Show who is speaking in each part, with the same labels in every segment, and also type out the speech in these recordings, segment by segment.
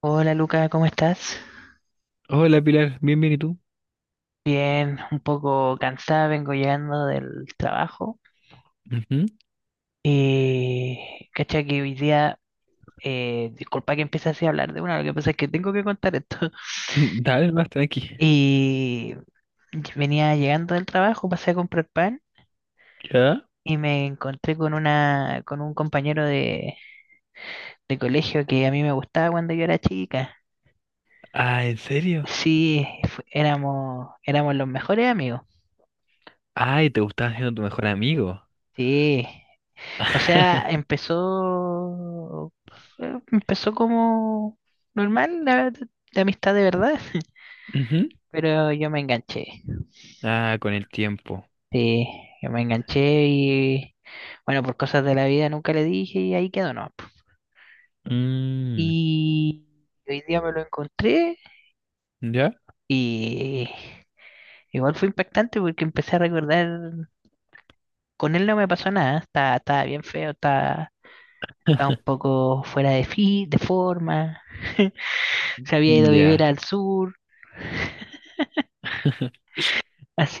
Speaker 1: Hola Luca, ¿cómo estás?
Speaker 2: Hola Pilar, bien, bien, ¿y tú?
Speaker 1: Bien, un poco cansada, vengo llegando del trabajo.
Speaker 2: Ujú.
Speaker 1: Y cacha que hoy día, disculpa que empiece así a hablar de una, lo que pasa es que tengo que contar esto.
Speaker 2: Dale, más tranqui.
Speaker 1: Y venía llegando del trabajo, pasé a comprar pan
Speaker 2: ¿Ya?
Speaker 1: y me encontré con una, con un compañero de colegio que a mí me gustaba cuando yo era chica.
Speaker 2: Ah, ¿en serio?
Speaker 1: Sí, éramos los mejores amigos.
Speaker 2: Ay, te gustaba siendo tu mejor amigo.
Speaker 1: Sí. O sea, empezó, empezó como normal la, verdad, la amistad de verdad,
Speaker 2: Ujú.
Speaker 1: pero yo me enganché.
Speaker 2: Ah, con el tiempo.
Speaker 1: Sí, yo me enganché y bueno, por cosas de la vida nunca le dije y ahí quedó, ¿no?
Speaker 2: Mm,
Speaker 1: Y hoy día me lo encontré
Speaker 2: ¿ya?
Speaker 1: y igual fue impactante porque empecé a recordar, con él no me pasó nada, estaba bien feo, estaba, estaba un poco fuera de forma, se había ido a vivir
Speaker 2: Ya.
Speaker 1: al sur.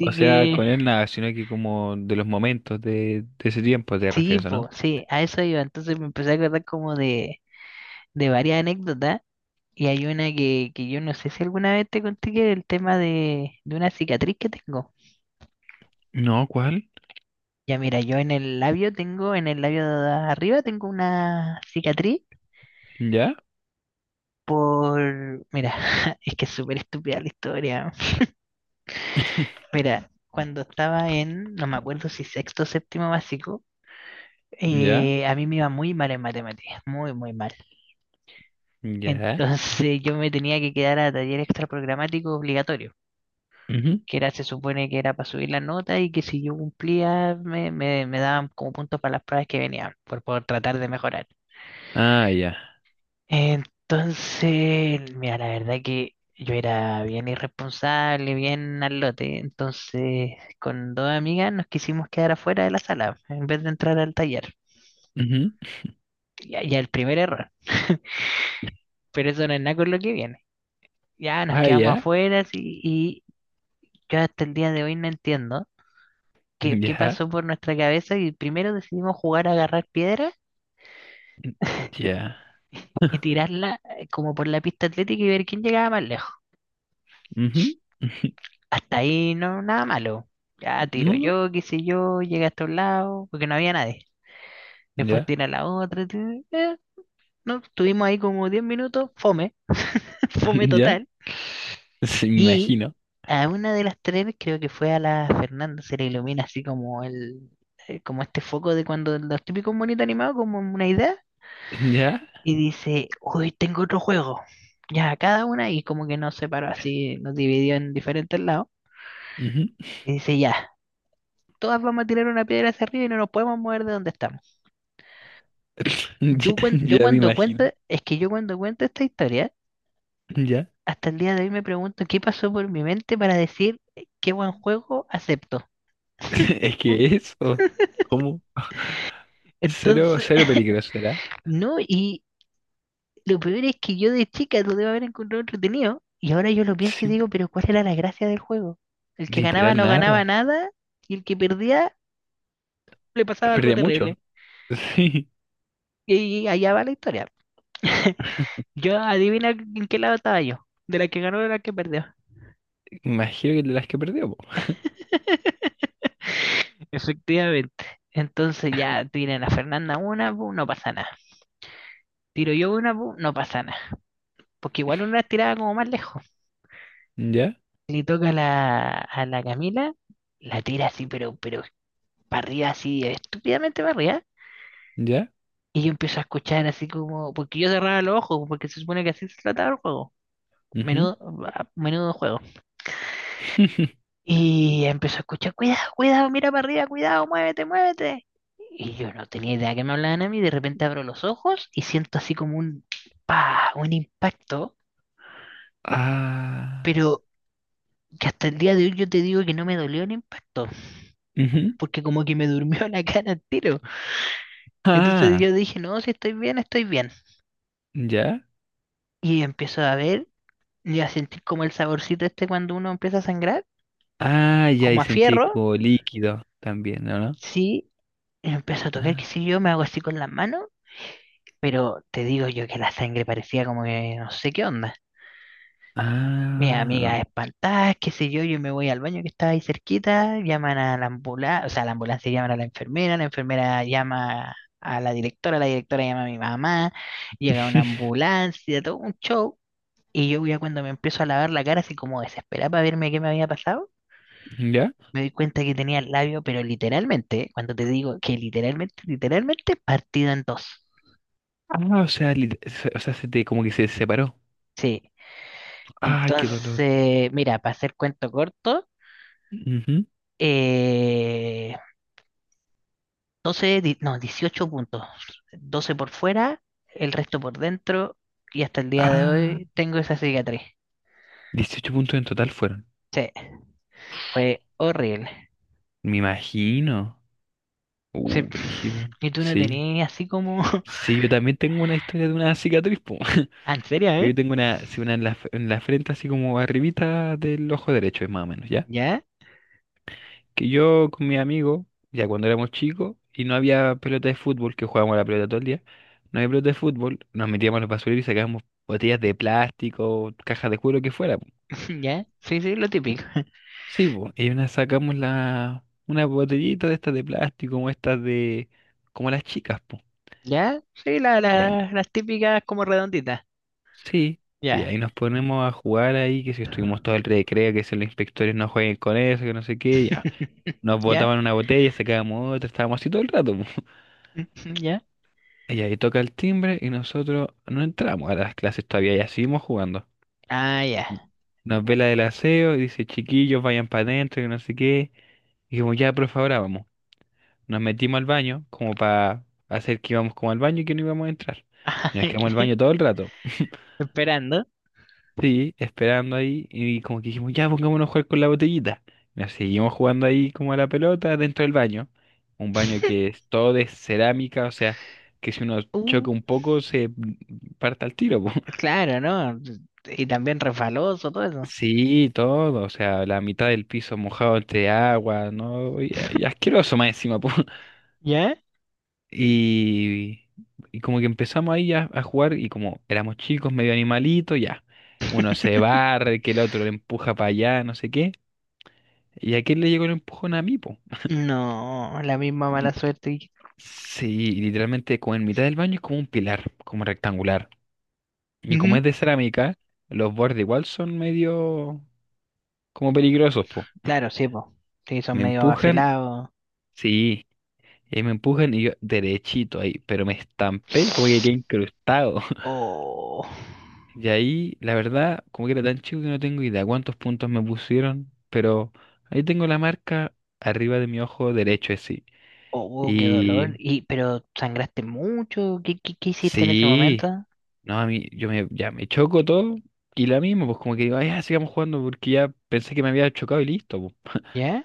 Speaker 2: O sea,
Speaker 1: que
Speaker 2: con él nada, sino que como de los momentos de ese tiempo te
Speaker 1: sí,
Speaker 2: refieres, ¿o
Speaker 1: po,
Speaker 2: ¿no?
Speaker 1: sí, a eso iba. Entonces me empecé a acordar como de varias anécdotas. Y hay una que yo no sé si alguna vez te conté, que el tema de una cicatriz que tengo.
Speaker 2: No, ¿cuál?
Speaker 1: Ya mira, yo en el labio tengo, en el labio de arriba tengo una cicatriz
Speaker 2: Ya,
Speaker 1: por... Mira, es que es súper estúpida la historia. Mira, cuando estaba en, no me acuerdo si sexto o séptimo básico,
Speaker 2: ya,
Speaker 1: a mí me iba muy mal en matemáticas, muy, muy mal. Entonces
Speaker 2: ya.
Speaker 1: yo me tenía que quedar a taller extra programático obligatorio,
Speaker 2: Ujú.
Speaker 1: que era, se supone que era para subir la nota, y que si yo cumplía me daban como puntos para las pruebas que venían, por tratar de mejorar.
Speaker 2: Ah, ya.
Speaker 1: Entonces, mira, la verdad que yo era bien irresponsable, bien al lote, entonces con dos amigas nos quisimos quedar afuera de la sala en vez de entrar al taller.
Speaker 2: Ujú.
Speaker 1: Ya, ya el primer error, pero eso no es nada con lo que viene. Ya nos
Speaker 2: Ah,
Speaker 1: quedamos
Speaker 2: ya,
Speaker 1: afuera, sí. Yo hasta el día de hoy no entiendo qué
Speaker 2: ya,
Speaker 1: pasó por nuestra cabeza, y primero decidimos jugar a agarrar piedras
Speaker 2: ya.
Speaker 1: y tirarla como por la pista atlética y ver quién llegaba más lejos.
Speaker 2: Ujú.
Speaker 1: Hasta ahí no, nada malo. Ya
Speaker 2: No,
Speaker 1: tiro
Speaker 2: no.
Speaker 1: yo, qué sé yo, llegué hasta un lado, porque no había nadie. Después
Speaker 2: Ya,
Speaker 1: tira la otra. No, estuvimos ahí como 10 minutos, fome, fome
Speaker 2: ya.
Speaker 1: total.
Speaker 2: Se me
Speaker 1: Y
Speaker 2: imagino.
Speaker 1: a una de las tres, creo que fue a la Fernanda, se le ilumina así como el, como este foco de cuando los típicos bonitos animados, como una idea,
Speaker 2: ¿Ya?
Speaker 1: y dice, uy, tengo otro juego. Ya, cada una, y como que nos separó así, nos dividió en diferentes lados.
Speaker 2: Ujú.
Speaker 1: Y dice, ya, todas vamos a tirar una piedra hacia arriba y no nos podemos mover de donde estamos.
Speaker 2: Ya,
Speaker 1: Yo
Speaker 2: ya me
Speaker 1: cuando cuento,
Speaker 2: imagino.
Speaker 1: es que yo cuando cuento esta historia,
Speaker 2: ¿Ya?
Speaker 1: hasta el día de hoy me pregunto qué pasó por mi mente para decir, qué buen juego, acepto.
Speaker 2: Es que eso, cómo. Cero,
Speaker 1: Entonces,
Speaker 2: cero peligroso, ¿verdad?
Speaker 1: no, y lo peor es que yo de chica lo debo haber encontrado entretenido. Y ahora yo lo pienso y
Speaker 2: Sí,
Speaker 1: digo, pero ¿cuál era la gracia del juego? El que ganaba
Speaker 2: literal
Speaker 1: no ganaba
Speaker 2: nada.
Speaker 1: nada, y el que perdía le pasaba algo
Speaker 2: Perdía mucho.
Speaker 1: terrible.
Speaker 2: Sí,
Speaker 1: Y allá va la historia. Yo, adivina en qué lado estaba yo, de la que ganó o de la que perdió.
Speaker 2: imagino que de las que perdió, po.
Speaker 1: Efectivamente. Entonces ya tiran a Fernanda una, pu, no pasa nada. Tiro yo una, pu, no pasa nada. Porque igual una tiraba como más lejos.
Speaker 2: ¿Ya?
Speaker 1: Le toca a a la Camila, la tira así, pero barrida así, estúpidamente barrida.
Speaker 2: ¿Ya?
Speaker 1: Y yo empiezo a escuchar así como, porque yo cerraba los ojos, porque se supone que así se trataba el juego.
Speaker 2: Ujú.
Speaker 1: Menudo, menudo juego. Y empezó a escuchar, cuidado, cuidado, mira para arriba, cuidado, muévete, muévete. Y yo no tenía idea que me hablaban a mí, de repente abro los ojos y siento así como un, pa, un impacto, pero
Speaker 2: Ah.
Speaker 1: que hasta el día de hoy yo te digo que no me dolió el impacto,
Speaker 2: Ujú.
Speaker 1: porque como que me durmió la cara al tiro. Entonces yo
Speaker 2: Ah.
Speaker 1: dije, no, si estoy bien, estoy bien.
Speaker 2: ¿Ya?
Speaker 1: Y empiezo a ver y a sentir como el saborcito este cuando uno empieza a sangrar,
Speaker 2: Ah, ya,
Speaker 1: como
Speaker 2: y
Speaker 1: a
Speaker 2: sentí
Speaker 1: fierro.
Speaker 2: como líquido también, ¿no? ¿No?
Speaker 1: Sí, empiezo a tocar, qué
Speaker 2: Ah.
Speaker 1: sé yo, me hago así con las manos, pero te digo yo que la sangre parecía como que no sé qué onda. Mi
Speaker 2: Ah.
Speaker 1: amiga espantada, qué sé yo, yo me voy al baño que estaba ahí cerquita, llaman a la ambulancia, o sea, la ambulancia, llaman a la enfermera llama a la directora llama a mi mamá, llega una ambulancia, todo un show, y yo ya cuando me empiezo a lavar la cara así como desesperada para verme qué me había pasado,
Speaker 2: ¿Ya?
Speaker 1: me di cuenta que tenía el labio, pero literalmente, ¿eh? Cuando te digo que literalmente, literalmente partido en dos.
Speaker 2: Ah, o sea, o sea, se te como que se separó.
Speaker 1: Sí.
Speaker 2: Ay, qué dolor.
Speaker 1: Entonces, mira, para hacer cuento corto,
Speaker 2: Ujú.
Speaker 1: eh, no, 18 puntos. 12 por fuera, el resto por dentro, y hasta el día de
Speaker 2: Ah,
Speaker 1: hoy tengo esa cicatriz.
Speaker 2: 18 puntos en total fueron.
Speaker 1: Sí, fue horrible.
Speaker 2: Me imagino.
Speaker 1: Sí.
Speaker 2: Brígido.
Speaker 1: Y tú no
Speaker 2: Sí.
Speaker 1: tenías así como...
Speaker 2: Sí, yo también tengo una historia de una cicatriz, po.
Speaker 1: Ah, ¿en serio, eh?
Speaker 2: Yo tengo una, sí, una en la frente, así como arribita del ojo derecho, es más o menos, ¿ya?
Speaker 1: ¿Ya?
Speaker 2: Que yo con mi amigo, ya cuando éramos chicos, y no había pelota de fútbol, que jugábamos a la pelota todo el día, no había pelota de fútbol, nos metíamos a los basureros y sacábamos botellas de plástico, cajas de cuero, lo que fuera.
Speaker 1: ¿Ya? Sí, sí, lo típico.
Speaker 2: Sí, pues, y una sacamos la, una botellita de estas de plástico, como estas de, como las chicas, pues.
Speaker 1: ¿Ya? Sí, la,
Speaker 2: Y ahí-
Speaker 1: las típicas como redonditas.
Speaker 2: sí, y
Speaker 1: Ya.
Speaker 2: ahí nos ponemos a jugar ahí, que si estuvimos todo el recreo, que si los inspectores no jueguen con eso, que no sé qué, ya. Nos
Speaker 1: ¿Ya?
Speaker 2: botaban una botella, sacábamos otra, estábamos así todo el rato, po.
Speaker 1: Ujú, ¿ya?
Speaker 2: Y ahí toca el timbre y nosotros no entramos a las clases todavía, ya seguimos jugando.
Speaker 1: Ah, ya.
Speaker 2: Nos ve la del aseo y dice, chiquillos, vayan para adentro, que no sé qué. Y como ya, por favor, ahora vamos. Nos metimos al baño como para hacer que íbamos como al baño y que no íbamos a entrar. Y nos quedamos en el baño todo el rato.
Speaker 1: Esperando.
Speaker 2: Sí, esperando ahí y como que dijimos, ya pongámonos a jugar con la botellita. Nos seguimos jugando ahí como a la pelota dentro del baño. Un baño que es todo de cerámica, o sea, que si uno
Speaker 1: Uh,
Speaker 2: choca un poco se parta al tiro, po.
Speaker 1: claro, ¿no? Y también refaloso, todo eso.
Speaker 2: Sí, todo, o sea, la mitad del piso mojado entre agua, ¿no? Y asqueroso más encima, po.
Speaker 1: ¿Ya?
Speaker 2: Y, y como que empezamos ahí a jugar y como éramos chicos, medio animalitos, ya. Uno se barre, que el otro le empuja para allá, no sé qué. Y a aquel le llegó el empujón a mí, po.
Speaker 1: No, la misma mala
Speaker 2: Y
Speaker 1: suerte, que...
Speaker 2: sí, y literalmente como en mitad del baño es como un pilar, como rectangular. Y como
Speaker 1: Ujú.
Speaker 2: es de cerámica, los bordes igual son medio como peligrosos, po.
Speaker 1: Claro, sí, po. Sí, son
Speaker 2: Me
Speaker 1: medio
Speaker 2: empujan,
Speaker 1: afilados.
Speaker 2: sí, y me empujan y yo derechito ahí, pero me estampé como que quedé incrustado.
Speaker 1: Oh,
Speaker 2: Y ahí, la verdad, como que era tan chico que no tengo idea cuántos puntos me pusieron, pero ahí tengo la marca arriba de mi ojo derecho, así.
Speaker 1: oh, qué dolor.
Speaker 2: Y
Speaker 1: Y, pero sangraste mucho. ¿Qué, qué, qué hiciste en ese
Speaker 2: sí,
Speaker 1: momento?
Speaker 2: no, a mí, yo me, ya me choco todo y la misma, pues como que digo, "Ay, ya sigamos jugando porque ya pensé que me había chocado y listo, po".
Speaker 1: ¿Ya?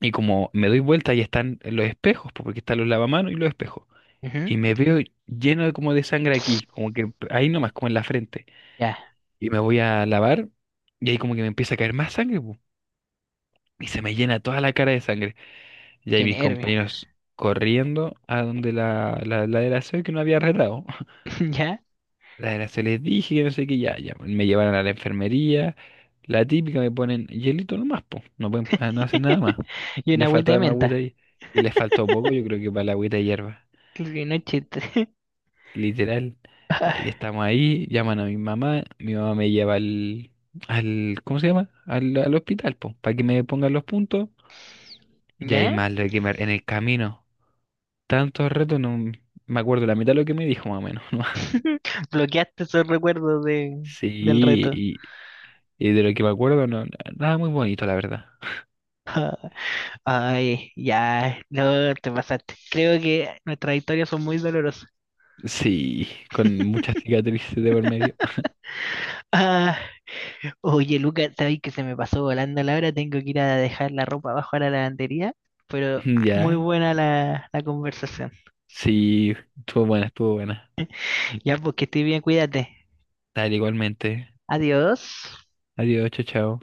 Speaker 2: Y como me doy vuelta y están los espejos, pues, porque están los lavamanos y los espejos.
Speaker 1: Ujú.
Speaker 2: Y me veo lleno de como de sangre aquí, como que ahí nomás, como en la frente.
Speaker 1: Ya,
Speaker 2: Y me voy a lavar y ahí como que me empieza a caer más sangre, po. Y se me llena toda la cara de sangre. Y ahí
Speaker 1: qué
Speaker 2: mis
Speaker 1: nervio.
Speaker 2: compañeros corriendo a donde la, la de la SEO que no había retado.
Speaker 1: Ya.
Speaker 2: La de la SEO les dije que no sé qué, ya, ya, pues. Me llevaron a la enfermería. La típica me ponen hielito nomás, po. No pueden, no hacen nada más.
Speaker 1: Y una
Speaker 2: Les
Speaker 1: agüita
Speaker 2: faltó
Speaker 1: de
Speaker 2: además agüita
Speaker 1: menta.
Speaker 2: ahí. Y les faltó poco, yo creo que para la agüita de hierba.
Speaker 1: Y no es chiste.
Speaker 2: Literal. Y ahí
Speaker 1: Ay,
Speaker 2: estamos ahí, llaman a mi mamá. Mi mamá me lleva al, ¿cómo se llama? Al hospital, po, para que me pongan los puntos. Y ahí
Speaker 1: ¿ya?
Speaker 2: más lo que me, en el camino. Tantos retos, no me acuerdo la mitad de lo que me dijo más o menos, ¿no?
Speaker 1: Bloqueaste esos recuerdos del
Speaker 2: Sí,
Speaker 1: reto.
Speaker 2: y de lo que me acuerdo, no, nada muy bonito, la verdad.
Speaker 1: Ay, ya. No, te pasaste. Creo que nuestras historias son muy dolorosas.
Speaker 2: Sí, con muchas cicatrices de por medio.
Speaker 1: Ah, oye, Lucas, sabes que se me pasó volando la hora. Tengo que ir a dejar la ropa abajo a la lavandería. Pero muy
Speaker 2: Ya,
Speaker 1: buena la conversación.
Speaker 2: sí, estuvo buena, estuvo buena.
Speaker 1: Ya, pues, que estés bien, cuídate.
Speaker 2: Dale, igualmente.
Speaker 1: Adiós.
Speaker 2: Adiós, chao, chao.